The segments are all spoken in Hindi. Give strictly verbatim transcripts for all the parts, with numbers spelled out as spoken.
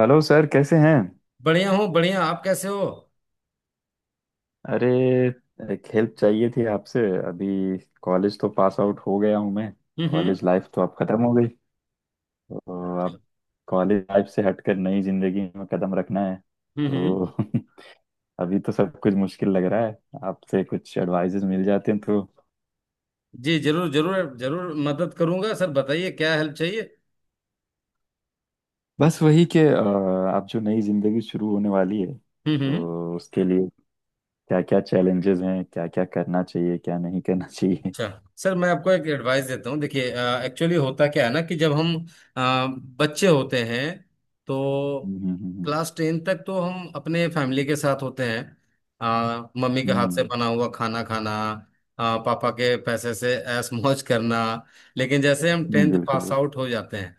हेलो सर, कैसे हैं? बढ़िया हूँ, बढ़िया। आप कैसे हो? अरे, एक हेल्प चाहिए थी आपसे। अभी कॉलेज तो पास आउट हो गया हूँ मैं। हम्म हम्म, कॉलेज लाइफ तो अब खत्म हो गई। तो अब कॉलेज लाइफ से हटकर नई जिंदगी में कदम रखना है। हम्म हम्म। तो अभी तो सब कुछ मुश्किल लग रहा है। आपसे कुछ एडवाइजेस मिल जाते हैं, तो जी, जरूर जरूर जरूर मदद करूंगा सर, बताइए क्या हेल्प चाहिए। बस वही कि अ, आप जो नई जिंदगी शुरू होने वाली है हम्म हम्म। तो उसके लिए क्या क्या चैलेंजेस हैं, क्या क्या करना चाहिए, क्या नहीं करना चाहिए? अच्छा। सर, मैं आपको एक एडवाइस देता हूँ, देखिए। एक्चुअली होता क्या है ना कि जब हम अ, बच्चे होते हैं तो हम्म, हम्म, हम्म, क्लास टेन तक तो हम अपने फैमिली के साथ होते हैं। अ, मम्मी के हाथ से हम्म, बना हुआ खाना खाना, अ, पापा के पैसे से ऐश मौज करना। लेकिन जैसे हम हम्म, टेंथ बिल्कुल पास बिल्कुल। आउट हो जाते हैं,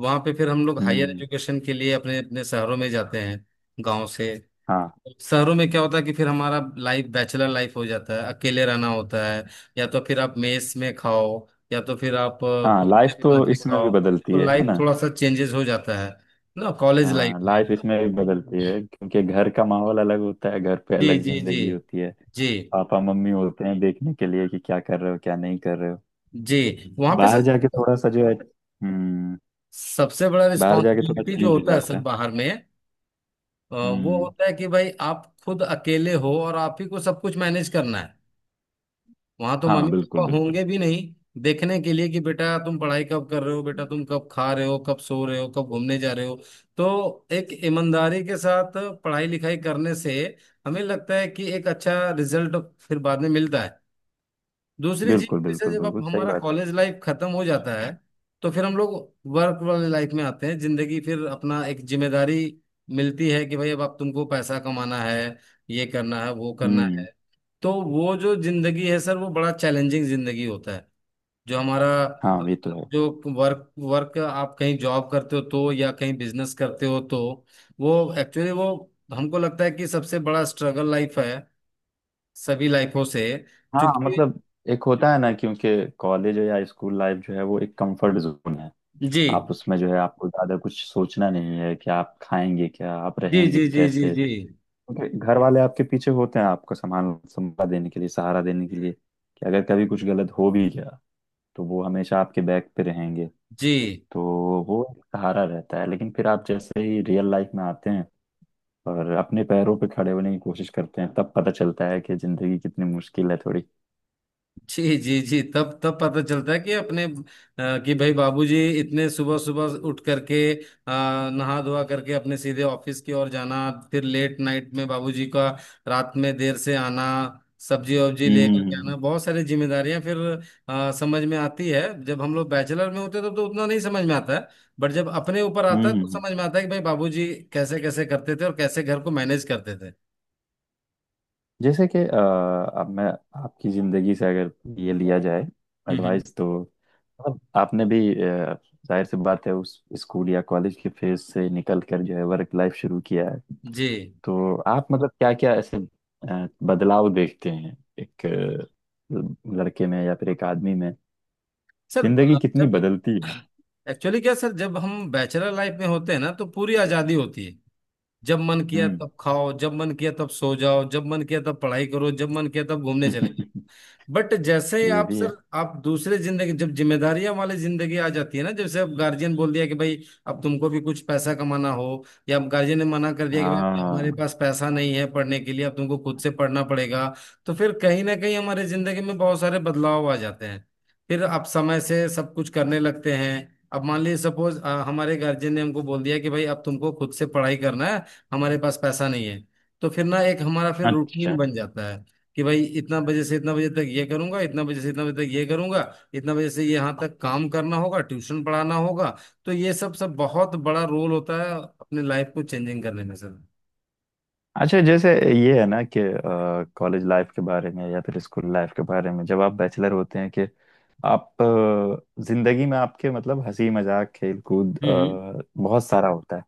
वहाँ पे फिर हम लोग हायर हम्म। एजुकेशन के लिए अपने अपने शहरों में जाते हैं, गाँव से हाँ। शहरों में। क्या होता है कि फिर हमारा लाइफ बैचलर लाइफ हो जाता है, अकेले रहना होता है। या तो फिर आप मेस में खाओ, या तो फिर आप अ, हाँ, खुद लाइफ से ये बना तो तो के इसमें भी खाओ। बदलती तो है है लाइफ ना। थोड़ा सा चेंजेस हो जाता है ना, कॉलेज हाँ, लाइफ में। लाइफ इसमें भी बदलती है क्योंकि घर का माहौल अलग होता है, घर पे जी अलग जी जी जिंदगी होती है। जी पापा मम्मी होते हैं देखने के लिए कि क्या कर रहे हो, क्या नहीं कर रहे हो। जी। वहाँ पे सर बाहर जाके थोड़ा सा जो है, हम्म। सबसे बड़ा बाहर जाके थोड़ा रिस्पॉन्सिबिलिटी जो चेंज हो होता है जाता सर है। बाहर में, अ, वो हम्म। होता है कि भाई आप खुद अकेले हो और आप ही को सब कुछ मैनेज करना है। वहां तो हाँ मम्मी बिल्कुल पापा बिल्कुल। होंगे भी नहीं देखने के लिए कि बेटा तुम पढ़ाई कब कर रहे हो, बेटा तुम कब खा रहे हो, कब सो रहे हो, कब घूमने जा रहे हो। तो एक ईमानदारी के साथ पढ़ाई लिखाई करने से हमें लगता है कि एक अच्छा रिजल्ट फिर बाद में मिलता है। दूसरी चीज, बिल्कुल जैसे बिल्कुल जब आप बिल्कुल सही हमारा बात कॉलेज लाइफ खत्म हो जाता है तो फिर हम लोग वर्क वाले लाइफ में आते हैं, जिंदगी फिर अपना एक जिम्मेदारी मिलती है कि भाई अब आप तुमको पैसा कमाना है, ये करना है, वो है। करना हम्म। है। तो वो जो जिंदगी है सर वो बड़ा चैलेंजिंग जिंदगी होता है। जो हमारा, हाँ ये तो है। जो वर्क वर्क आप कहीं जॉब करते हो तो या कहीं बिजनेस करते हो तो वो एक्चुअली वो हमको लगता है कि सबसे बड़ा स्ट्रगल लाइफ है, सभी लाइफों से। हाँ क्योंकि मतलब, एक होता है ना, क्योंकि कॉलेज या स्कूल लाइफ जो है वो एक कंफर्ट जोन है। जी आप उसमें जो है, आपको ज्यादा कुछ सोचना नहीं है कि आप खाएंगे क्या, आप जी रहेंगे जी जी जी कैसे, जी क्योंकि घर वाले आपके पीछे होते हैं, आपको सामान संभाल देने के लिए, सहारा देने के लिए, कि अगर कभी कुछ गलत हो भी गया तो वो हमेशा आपके बैक पे रहेंगे। जी तो वो एक सहारा रहता है। लेकिन फिर आप जैसे ही रियल लाइफ में आते हैं और अपने पैरों पे खड़े होने की कोशिश करते हैं, तब पता चलता है कि जिंदगी कितनी मुश्किल है थोड़ी। जी जी जी। तब तब पता चलता है कि अपने अ, कि भाई बाबूजी इतने सुबह सुबह उठ करके अ, नहा धोवा करके अपने सीधे ऑफिस की ओर जाना, फिर लेट नाइट में बाबूजी का रात में देर से आना, सब्जी वब्जी हम्म, लेकर के हम्म, आना। बहुत सारी जिम्मेदारियां फिर अ, समझ में आती है। जब हम लोग बैचलर में होते हैं तब तो उतना नहीं समझ में आता है, बट जब अपने ऊपर आता हम्म, है तो हम्म। समझ में आता है कि भाई बाबूजी कैसे कैसे करते थे और कैसे घर को मैनेज करते थे। जैसे कि अ, अब मैं आपकी जिंदगी से अगर ये लिया जाए हम्म हम्म। एडवाइस, तो मतलब आपने भी अ, जाहिर सी बात है, उस स्कूल या कॉलेज के फेज से निकल कर जो है वर्क लाइफ शुरू किया है। जी। तो आप मतलब क्या क्या ऐसे अ, बदलाव देखते हैं एक अ, लड़के में या फिर एक आदमी में? सर म- जिंदगी कितनी जब बदलती है? एक्चुअली क्या सर, जब हम बैचलर लाइफ में होते हैं ना, तो पूरी आज़ादी होती है। जब मन किया हम्म। तब खाओ, जब मन किया तब सो जाओ, जब मन किया तब पढ़ाई करो, जब मन किया तब घूमने चले। बट जैसे ही ये आप भी है। सर आप दूसरे जिंदगी, जब जिम्मेदारियां वाली जिंदगी आ जाती है ना, जैसे अब गार्जियन बोल दिया कि भाई अब तुमको भी कुछ पैसा कमाना हो, या अब गार्जियन ने मना कर दिया कि भाई हमारे हाँ। पास पैसा नहीं है पढ़ने के लिए, अब तुमको खुद से पढ़ना पड़ेगा। तो फिर कहीं ना कहीं हमारे जिंदगी में बहुत सारे बदलाव आ जाते हैं। फिर आप समय से सब कुछ करने लगते हैं। अब मान लीजिए, सपोज हमारे गार्जियन ने हमको बोल दिया कि भाई अब तुमको खुद से पढ़ाई करना है, हमारे पास पैसा नहीं है, तो फिर ना एक हमारा फिर रूटीन अच्छा। बन जाता है कि भाई इतना बजे से इतना बजे तक ये करूंगा, इतना बजे से इतना बजे तक ये करूंगा, इतना बजे से यहाँ तक काम करना होगा, ट्यूशन पढ़ाना होगा। तो ये सब सब बहुत बड़ा रोल होता है अपने लाइफ को चेंजिंग करने में सर। अच्छा, जैसे ये है ना कि कॉलेज लाइफ के बारे में या फिर स्कूल लाइफ के बारे में, जब आप बैचलर होते हैं कि आप अ, जिंदगी में आपके, मतलब, हंसी मजाक खेल कूद हम्म। अ, बहुत सारा होता है।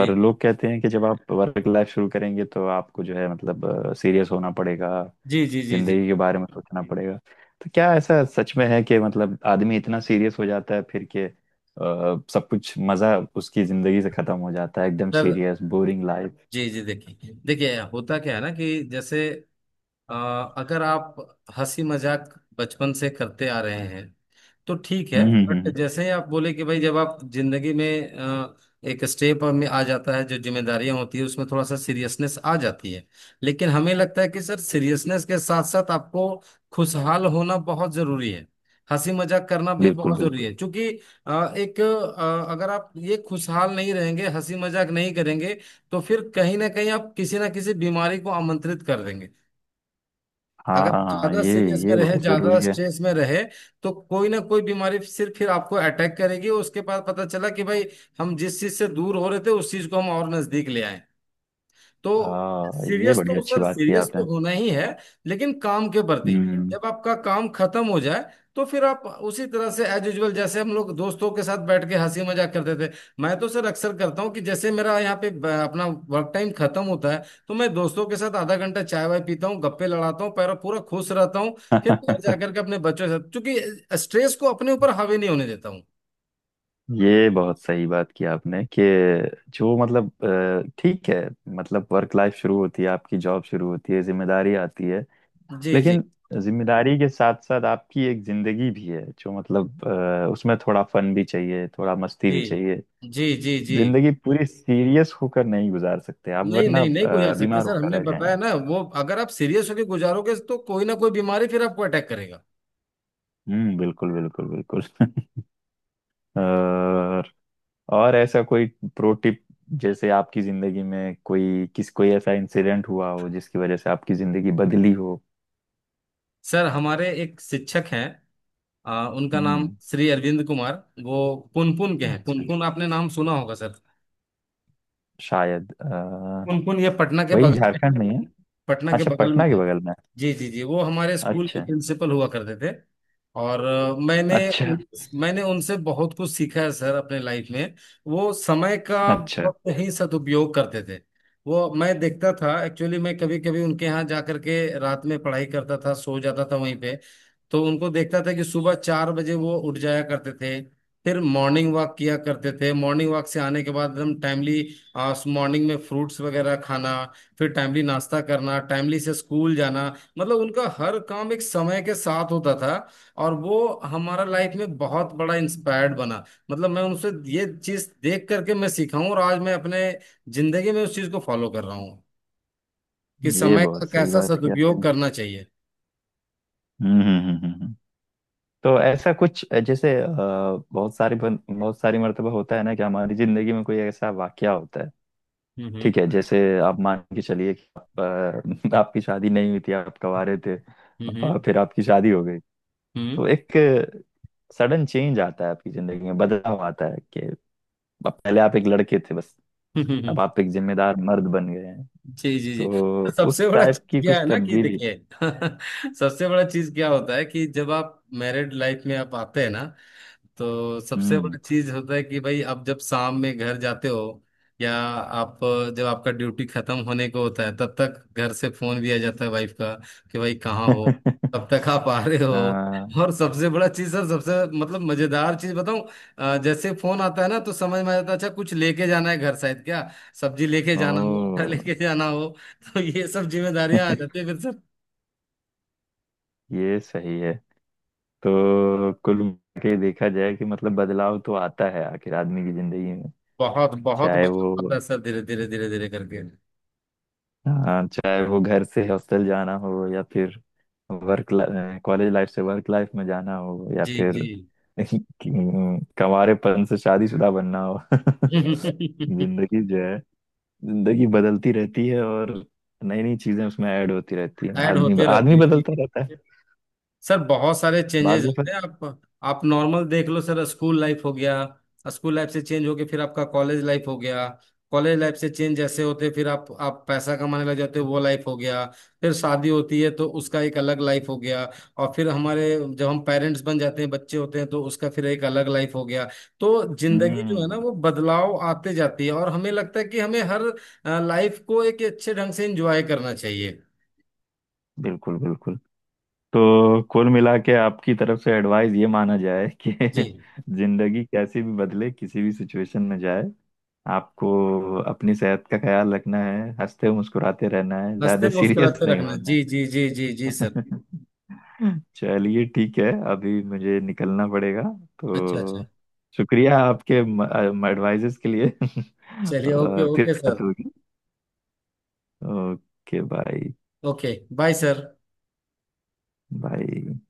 और लोग कहते हैं कि जब आप वर्क लाइफ शुरू करेंगे तो आपको जो है, मतलब, सीरियस होना पड़ेगा, जी जी जी जी जिंदगी के बारे में सोचना पड़ेगा। तो क्या ऐसा सच में है कि मतलब आदमी इतना सीरियस हो जाता है फिर के अ, सब कुछ मजा उसकी जिंदगी से खत्म हो जाता है, एकदम सर। Serious boring life? जी जी, देखिए देखिए होता क्या है ना कि जैसे, अ, अगर आप हंसी मजाक बचपन से करते आ रहे हैं तो ठीक है। हम्म, हम्म, हम्म, बट हम्म। जैसे ही आप बोले कि भाई जब आप जिंदगी में अ, एक स्टेप में आ जाता है जो जिम्मेदारियां होती है, उसमें थोड़ा सा सीरियसनेस आ जाती है। लेकिन हमें लगता है कि सर सीरियसनेस के साथ साथ आपको खुशहाल होना बहुत जरूरी है, हंसी मजाक करना भी बिल्कुल बहुत जरूरी बिल्कुल। है। क्योंकि अ, एक अ, अगर आप ये खुशहाल नहीं रहेंगे, हंसी मजाक नहीं करेंगे, तो फिर कहीं ना कहीं आप किसी ना किसी बीमारी को आमंत्रित कर देंगे। अगर हाँ ज्यादा ये सीरियस में ये रहे, बहुत ज्यादा जरूरी है। स्ट्रेस में रहे, तो कोई ना कोई बीमारी सिर्फ फिर आपको अटैक करेगी। उसके बाद पता चला कि भाई हम जिस चीज से दूर हो रहे थे उस चीज को हम और नजदीक ले आए। तो हाँ, ये सीरियस बड़ी तो अच्छी सर, बात की सीरियस आपने। तो होना ही है, लेकिन काम के प्रति। हम्म। जब आपका काम खत्म हो जाए तो फिर आप उसी तरह से एज यूजल, जैसे हम लोग दोस्तों के साथ बैठ के हंसी मजाक करते थे। मैं तो सर अक्सर करता हूँ कि जैसे मेरा यहाँ पे ब- अपना वर्क टाइम खत्म होता है, तो मैं दोस्तों के साथ आधा घंटा चाय वाय पीता हूँ, गप्पे लड़ाता हूँ, पैर पूरा खुश रहता हूँ। फिर घर जाकर के अपने बच्चों के साथ, क्योंकि स्ट्रेस को अपने ऊपर हावी नहीं होने देता हूँ। ये बहुत सही बात की आपने कि जो मतलब अ, ठीक है, मतलब वर्क लाइफ शुरू होती है, आपकी जॉब शुरू होती है, जिम्मेदारी आती है, जी जी लेकिन जिम्मेदारी के साथ साथ आपकी एक जिंदगी भी है, जो मतलब अ, उसमें थोड़ा फन भी चाहिए, थोड़ा मस्ती जी भी चाहिए। जी जी जी। जिंदगी पूरी सीरियस होकर नहीं गुजार सकते आप, नहीं वरना नहीं नहीं गुजार अ, सकते बीमार सर, होकर हमने रह बताया जाएंगे। ना वो, अगर आप सीरियस होकर गुजारोगे तो कोई ना कोई बीमारी फिर आपको अटैक करेगा। हम्म, बिल्कुल बिल्कुल बिल्कुल। और और ऐसा कोई प्रो टिप, जैसे आपकी जिंदगी में कोई किस कोई ऐसा इंसिडेंट हुआ हो जिसकी वजह से आपकी जिंदगी बदली हो? सर हमारे एक शिक्षक हैं, आ, उनका नाम हम्म। श्री अरविंद कुमार। वो पुनपुन के हैं, अच्छा। पुनपुन आपने नाम सुना होगा सर, शायद अ, पुनपुन ये पटना के वही बगल झारखंड में, में है? पटना के अच्छा, बगल में। पटना के बगल में जी जी जी, वो हमारे है। स्कूल के अच्छा। प्रिंसिपल हुआ करते थे। और अ, मैंने अच्छा। मैंने उनसे बहुत कुछ सीखा है सर अपने लाइफ में। वो समय का अच्छा, बहुत ही सदुपयोग करते थे। वो मैं देखता था, एक्चुअली मैं कभी कभी उनके यहाँ जा करके रात में पढ़ाई करता था, सो जाता था वहीं पे। तो उनको देखता था कि सुबह चार बजे वो उठ जाया करते थे, फिर मॉर्निंग वॉक किया करते थे। मॉर्निंग वॉक से आने के बाद एकदम टाइमली मॉर्निंग में फ्रूट्स वगैरह खाना, फिर टाइमली नाश्ता करना, टाइमली से स्कूल जाना। मतलब उनका हर काम एक समय के साथ होता था। और वो हमारा लाइफ में बहुत बड़ा इंस्पायर्ड बना। मतलब मैं उनसे ये चीज देख करके मैं सीखा हूँ और आज मैं अपने जिंदगी में उस चीज को फॉलो कर रहा हूँ, कि ये समय का बहुत सही कैसा बात किया सदुपयोग आपने। करना चाहिए। हम्म, हम्म, हम्म, हम्म, हम्म। तो ऐसा कुछ, जैसे अ, बहुत सारी बहुत सारी मर्तबा होता है ना कि हमारी जिंदगी में कोई ऐसा वाकया होता है। हम्म हम्म ठीक है, जैसे आप मान के चलिए कि आप, अ, आपकी शादी नहीं हुई थी, आप कवारे थे, और हम्म फिर आपकी शादी हो गई। हम्म तो एक सडन चेंज आता है आपकी जिंदगी में, बदलाव आता है कि अब पहले आप एक लड़के थे बस, हम्म हम्म, अब आप एक जिम्मेदार मर्द बन गए हैं। जी जी जी। तो तो उस सबसे बड़ा टाइप चीज की क्या कुछ है ना कि तब्दीली। देखिए सबसे बड़ा चीज क्या होता है कि जब आप मैरिड लाइफ में आप आते हैं ना, तो सबसे हम्म। बड़ा चीज होता है कि भाई आप जब शाम में घर जाते हो, या आप जब आपका ड्यूटी खत्म होने को होता है, तब तक घर से फोन भी आ जाता है वाइफ का कि भाई कहाँ हो, तब तक आप आ रहे हो। हाँ। और सबसे बड़ा चीज सर, सबसे मतलब मजेदार चीज बताऊं, अ, जैसे फोन आता है ना तो समझ में आ जाता है, अच्छा कुछ लेके जाना है घर, शायद क्या सब्जी लेके ओ। जाना हो, आटा लेके जाना हो। तो ये सब जिम्मेदारियां आ जाती है फिर सर। ये सही है। तो कुल मिला के देखा जाए कि मतलब बदलाव तो आता है आखिर आदमी की जिंदगी में, बहुत बहुत चाहे बदलाव वो, आता है सर, धीरे धीरे धीरे धीरे करके। हाँ, चाहे वो घर से हॉस्टल जाना हो या फिर वर्क, कॉलेज लाइफ से वर्क लाइफ में जाना हो, या जी जी। फिर कंवारेपन से शादीशुदा बनना हो। जिंदगी जो है, जिंदगी बदलती रहती है और नई नई चीजें उसमें ऐड होती रहती है ऐड आदमी होते रहते आदमी हैं बदलता रहता है। सर, बहुत सारे चेंजेस बाद में होते फिर, हैं। आप आप नॉर्मल देख लो सर, स्कूल लाइफ हो गया, स्कूल लाइफ से चेंज होके फिर आपका कॉलेज लाइफ हो गया, कॉलेज लाइफ से चेंज जैसे होते फिर आप आप पैसा कमाने लग जाते हो वो लाइफ हो गया, फिर शादी होती है तो उसका एक अलग लाइफ हो गया। और फिर हमारे, जब हम पेरेंट्स बन जाते हैं, बच्चे होते हैं, तो उसका फिर एक अलग लाइफ हो गया। तो जिंदगी जो है ना हम्म, वो बदलाव आते जाती है, और हमें लगता है कि हमें हर लाइफ को एक अच्छे ढंग से एंजॉय करना चाहिए। बिल्कुल बिल्कुल। तो कुल मिला के आपकी तरफ से एडवाइस ये माना जाए कि जी, जिंदगी कैसी भी बदले, किसी भी सिचुएशन में जाए, आपको अपनी सेहत का ख्याल रखना है, हंसते मुस्कुराते रहना है, ज्यादा हंसते सीरियस मुस्कुराते नहीं रखना, होना जी है। जी जी जी जी सर। चलिए ठीक है, अभी मुझे निकलना पड़ेगा। अच्छा तो अच्छा। शुक्रिया आपके एडवाइजेस के लिए। चलिए, ओके और फिर ओके बात सर। होगी। Okay bye. Okay bye sir. Bye.